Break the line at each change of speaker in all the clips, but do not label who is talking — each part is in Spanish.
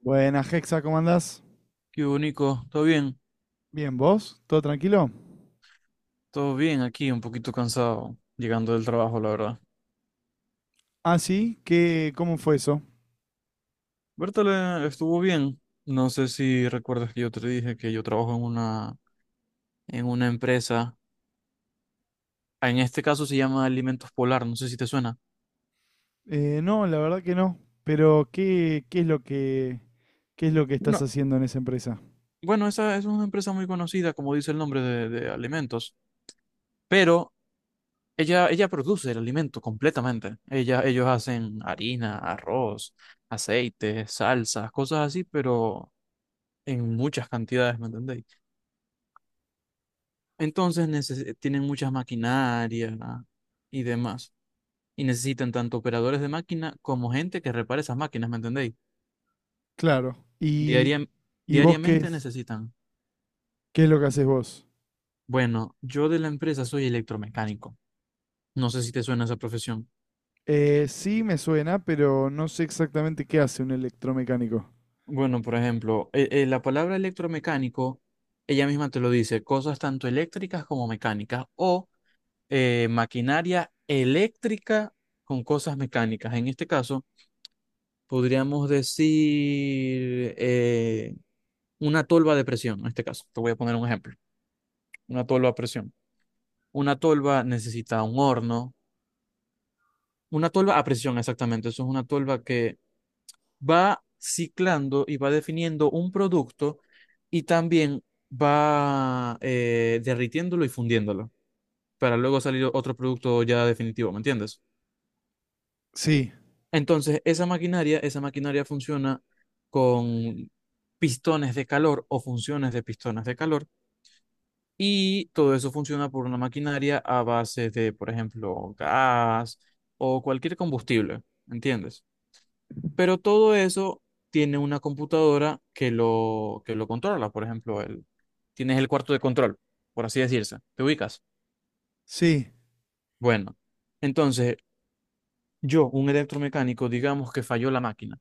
Buenas, Hexa, ¿cómo andás?
Qué bonito,
Bien, ¿vos? ¿Todo tranquilo?
todo bien aquí, un poquito cansado, llegando del trabajo, la verdad.
Ah, sí, cómo fue eso?
Bertale estuvo bien. No sé si recuerdas que yo te dije que yo trabajo en una, empresa, ah, en este caso se llama Alimentos Polar, no sé si te suena.
No, la verdad que no. Pero, ¿qué es lo que estás
Bueno,
haciendo en esa empresa?
bueno, esa es una empresa muy conocida, como dice el nombre de alimentos, pero ella produce el alimento completamente. Ellos hacen harina, arroz, aceite, salsas, cosas así, pero en muchas cantidades, ¿me entendéis? Entonces tienen muchas maquinarias, ¿no? Y demás. Y necesitan tanto operadores de máquina como gente que repare esas máquinas, ¿me entendéis?
Claro. ¿Y,
Diaria-
y vos qué
diariamente
es?
necesitan.
¿Qué es lo que haces vos?
Bueno, yo de la empresa soy electromecánico. No sé si te suena esa profesión.
Sí, me suena, pero no sé exactamente qué hace un electromecánico.
Bueno, por ejemplo, la palabra electromecánico, ella misma te lo dice, cosas tanto eléctricas como mecánicas, o maquinaria eléctrica con cosas mecánicas. En este caso, podríamos decir una tolva de presión, en este caso. Te voy a poner un ejemplo. Una tolva a presión. Una tolva necesita un horno. Una tolva a presión, exactamente. Eso es una tolva que va ciclando y va definiendo un producto, y también va derritiéndolo y fundiéndolo para luego salir otro producto ya definitivo, ¿me entiendes?
Sí,
Entonces, esa maquinaria funciona con pistones de calor o funciones de pistones de calor, y todo eso funciona por una maquinaria a base de, por ejemplo, gas o cualquier combustible, ¿entiendes? Pero todo eso tiene una computadora que lo controla. Por ejemplo, tienes el cuarto de control, por así decirse, te ubicas.
sí.
Bueno, entonces yo, un electromecánico, digamos que falló la máquina.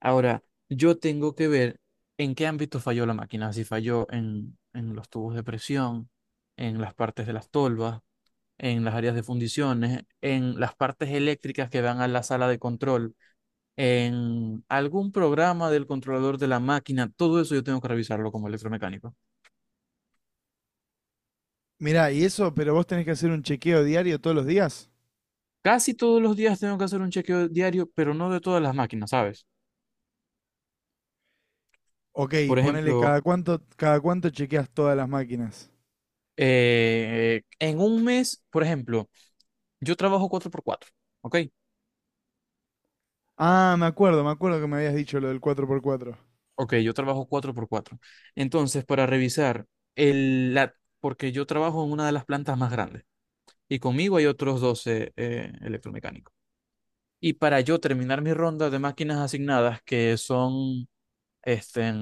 Ahora, yo tengo que ver en qué ámbito falló la máquina, si falló en los tubos de presión, en las partes de las tolvas, en las áreas de fundiciones, en las partes eléctricas que van a la sala de control, en algún programa del controlador de la máquina. Todo eso yo tengo que revisarlo como electromecánico.
Mirá, y eso, pero vos tenés que hacer un chequeo diario todos los días.
Casi todos los días tengo que hacer un chequeo diario, pero no de todas las máquinas, ¿sabes?
Ok,
Por
ponele
ejemplo,
cada cuánto chequeas todas las máquinas.
en un mes, por ejemplo, yo trabajo cuatro por cuatro. Ok.
Ah, me acuerdo que me habías dicho lo del cuatro por cuatro.
Ok, yo trabajo cuatro por cuatro. Entonces, para revisar, el, la, porque yo trabajo en una de las plantas más grandes y conmigo hay otros 12 electromecánicos. Y para yo terminar mi ronda de máquinas asignadas, que son este,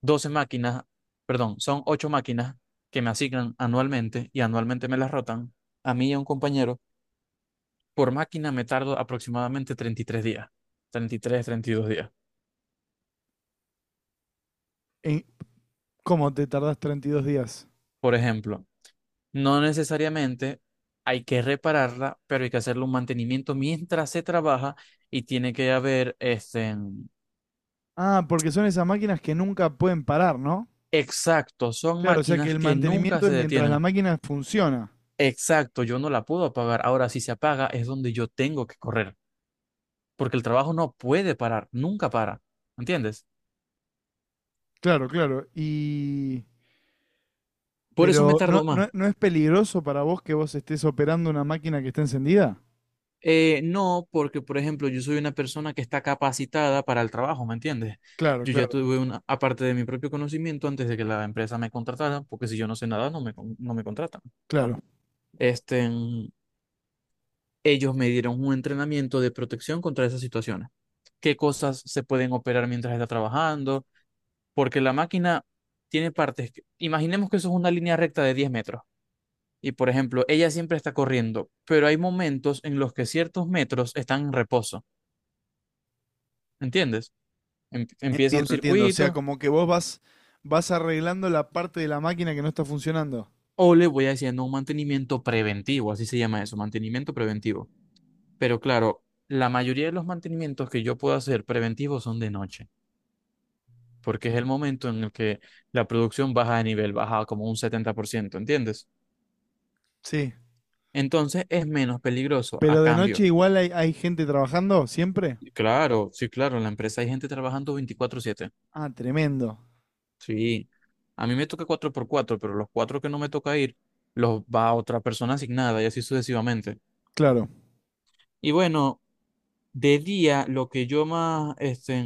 12 máquinas, perdón, son 8 máquinas que me asignan anualmente, y anualmente me las rotan, a mí y a un compañero. Por máquina me tardo aproximadamente 33 días, 32 días.
En ¿Cómo te tardás 32 días?
Por ejemplo, no necesariamente hay que repararla, pero hay que hacerle un mantenimiento mientras se trabaja, y tiene que haber este.
Ah, porque son esas máquinas que nunca pueden parar, ¿no?
Exacto, son
Claro, o sea que
máquinas
el
que nunca
mantenimiento
se
es mientras la
detienen.
máquina funciona.
Exacto, yo no la puedo apagar. Ahora, si se apaga, es donde yo tengo que correr, porque el trabajo no puede parar, nunca para. ¿Entiendes?
Claro, claro.
Por eso me
Pero ¿no,
tardo
no,
más.
no es peligroso para vos que vos estés operando una máquina que está encendida?
No, porque por ejemplo, yo soy una persona que está capacitada para el trabajo, ¿me entiendes?
Claro,
Yo ya
claro,
tuve una, aparte de mi propio conocimiento antes de que la empresa me contratara, porque si yo no sé nada, no me contratan.
claro.
Este, mm, Ellos me dieron un entrenamiento de protección contra esas situaciones. ¿Qué cosas se pueden operar mientras está trabajando? Porque la máquina tiene partes. Imaginemos que eso es una línea recta de 10 metros. Y por ejemplo, ella siempre está corriendo, pero hay momentos en los que ciertos metros están en reposo, ¿entiendes? Empieza un
Entiendo, entiendo. O sea,
circuito,
como que vos vas arreglando la parte de la máquina que no está funcionando.
o le voy haciendo un mantenimiento preventivo, así se llama eso, mantenimiento preventivo. Pero claro, la mayoría de los mantenimientos que yo puedo hacer preventivos son de noche, porque es el momento en el que la producción baja de nivel, baja como un 70%. ¿Entiendes?
Sí.
Entonces es menos peligroso a
Pero de
cambio.
noche igual hay gente trabajando siempre.
Claro, sí, claro, en la empresa hay gente trabajando 24/7.
Ah, tremendo.
Sí, a mí me toca cuatro por cuatro, pero los cuatro que no me toca ir, los va otra persona asignada, y así sucesivamente.
Claro,
Y bueno, de día, lo que yo más este,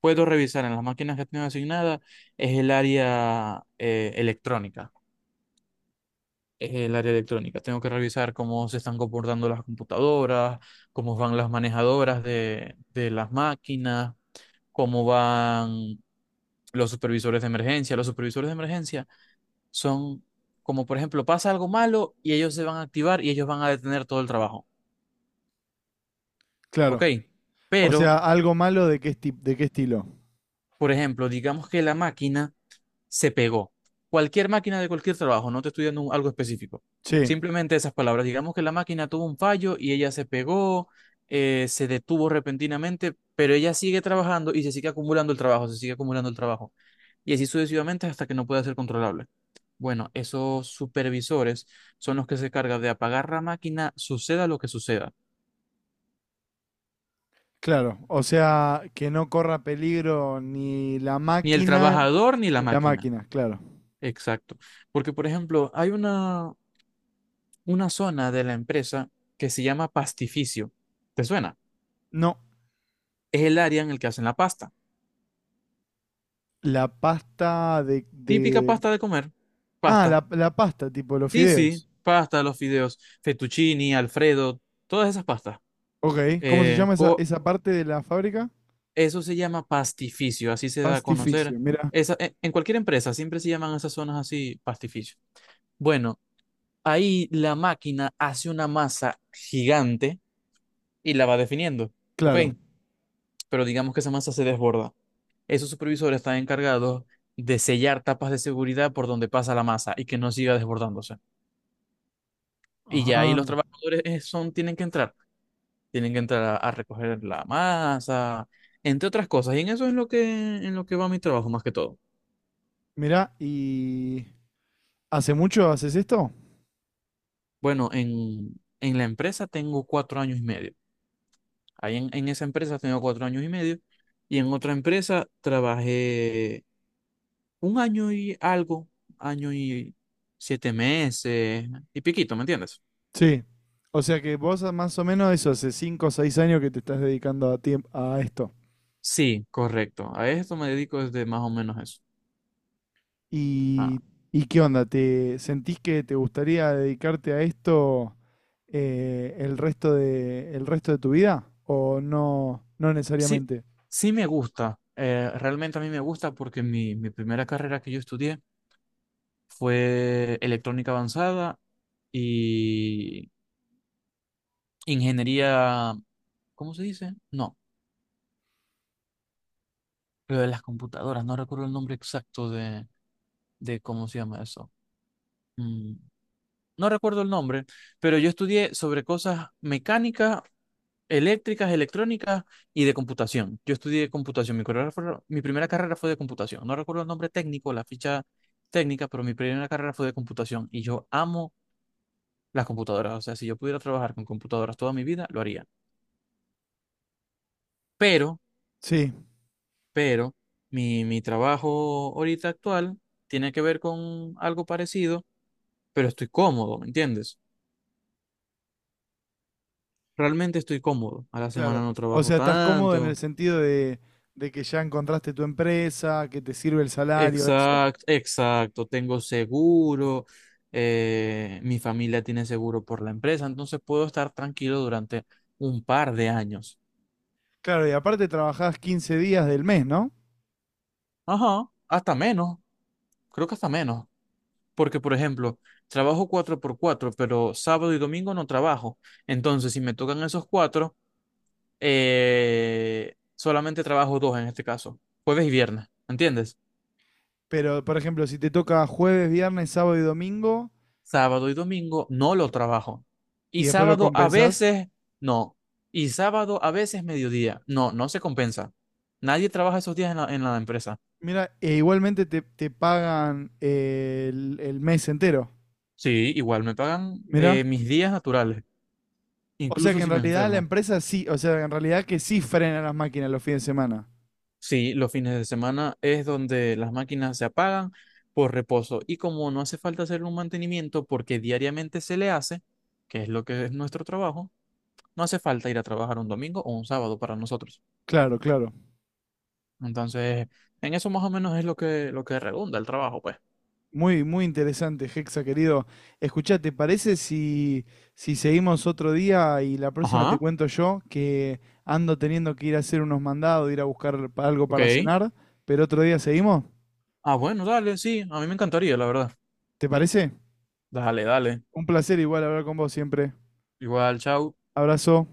puedo revisar en las máquinas que tengo asignadas es el área electrónica. Es el área electrónica. Tengo que revisar cómo se están comportando las computadoras, cómo van las manejadoras de, las máquinas, cómo van los supervisores de emergencia. Los supervisores de emergencia son, como por ejemplo, pasa algo malo y ellos se van a activar y ellos van a detener todo el trabajo. ¿Ok?
claro. O sea,
Pero,
algo malo de qué estilo.
por ejemplo, digamos que la máquina se pegó. Cualquier máquina de cualquier trabajo, no te estoy dando algo específico.
Sí,
Simplemente esas palabras. Digamos que la máquina tuvo un fallo y ella se pegó, se detuvo repentinamente, pero ella sigue trabajando y se sigue acumulando el trabajo, se sigue acumulando el trabajo. Y así sucesivamente hasta que no pueda ser controlable. Bueno, esos supervisores son los que se cargan de apagar la máquina, suceda lo que suceda.
claro. O sea, que no corra peligro ni la
Ni el
máquina,
trabajador ni la
ni la
máquina.
máquina, claro.
Exacto. Porque, por ejemplo, hay una zona de la empresa que se llama pastificio. ¿Te suena?
No,
Es el área en el que hacen la pasta.
la pasta de,
Típica
de...
pasta de comer.
Ah,
Pasta.
la pasta, tipo los
Sí, sí,
fideos.
pasta, los fideos, fettuccini, Alfredo, todas esas pastas.
Ok, ¿cómo se
Eh,
llama esa,
co-
esa parte de la fábrica?
Eso se llama pastificio, así se da a
Pastificio,
conocer.
mira,
En cualquier empresa siempre se llaman esas zonas así, pastificio. Bueno, ahí la máquina hace una masa gigante y la va definiendo. Ok,
claro.
pero digamos que esa masa se desborda. Esos supervisores están encargados de sellar tapas de seguridad por donde pasa la masa y que no siga desbordándose. Y ya ahí
Ah,
los trabajadores tienen que entrar a recoger la masa, entre otras cosas. Y en eso es lo que, en lo que va mi trabajo más que todo.
mira, ¿y hace mucho haces esto?
Bueno, en, la empresa tengo 4 años y medio. Ahí en esa empresa tengo 4 años y medio. Y en otra empresa trabajé un año y algo, año y 7 meses y piquito, ¿me entiendes?
Sí. O sea que vos más o menos eso, hace 5 o 6 años que te estás dedicando a esto.
Sí, correcto. A esto me dedico desde más o menos eso. Ah,
¿Y, y qué onda? ¿Te sentís que te gustaría dedicarte a esto, el resto de tu vida? ¿O no, no
sí,
necesariamente?
sí me gusta. Realmente a mí me gusta porque mi primera carrera que yo estudié fue electrónica avanzada y ingeniería, ¿cómo se dice? No, lo de las computadoras. No recuerdo el nombre exacto de cómo se llama eso. Mm, no recuerdo el nombre, pero yo estudié sobre cosas mecánicas, eléctricas, electrónicas y de computación. Yo estudié computación, mi carrera mi primera carrera fue de computación. No recuerdo el nombre técnico, la ficha técnica, pero mi primera carrera fue de computación y yo amo las computadoras. O sea, si yo pudiera trabajar con computadoras toda mi vida, lo haría. Pero,
Sí,
pero, mi trabajo ahorita actual tiene que ver con algo parecido, pero estoy cómodo, ¿me entiendes? Realmente estoy cómodo. A la semana
claro.
no
O
trabajo
sea, estás cómodo en el
tanto.
sentido de que ya encontraste tu empresa, que te sirve el salario, eso.
Exacto, exacto. Tengo seguro, mi familia tiene seguro por la empresa, entonces puedo estar tranquilo durante un par de años.
Claro, y aparte trabajás 15 días del mes, ¿no?
Ajá, hasta menos, creo que hasta menos, porque por ejemplo, trabajo cuatro por cuatro, pero sábado y domingo no trabajo. Entonces, si me tocan esos cuatro, solamente trabajo dos en este caso, jueves y viernes, ¿entiendes?
Pero, por ejemplo, si te toca jueves, viernes, sábado y domingo,
Sábado y domingo no lo trabajo. Y
y después lo
sábado a
compensás.
veces no. Y sábado a veces mediodía. No, no se compensa. Nadie trabaja esos días en la empresa.
Mira, e igualmente te pagan, el mes entero.
Sí, igual me pagan
Mira.
mis días naturales,
O sea
incluso
que en
si me
realidad la
enfermo.
empresa sí, o sea, en realidad que sí frena las máquinas los fines de semana.
Sí, los fines de semana es donde las máquinas se apagan por reposo. Y como no hace falta hacer un mantenimiento porque diariamente se le hace, que es lo que es nuestro trabajo, no hace falta ir a trabajar un domingo o un sábado para nosotros.
Claro, claro.
Entonces, en eso más o menos es lo que redunda el trabajo, pues.
Muy, muy interesante, Hexa, querido. Escuchá, ¿te parece si seguimos otro día? Y la próxima te
Ajá,
cuento yo, que ando teniendo que ir a hacer unos mandados, ir a buscar algo para
ok.
cenar, pero otro día seguimos.
Ah, bueno, dale, sí, a mí me encantaría, la verdad.
¿Te parece?
Dale, dale.
Un placer igual hablar con vos siempre.
Igual, chao.
Abrazo.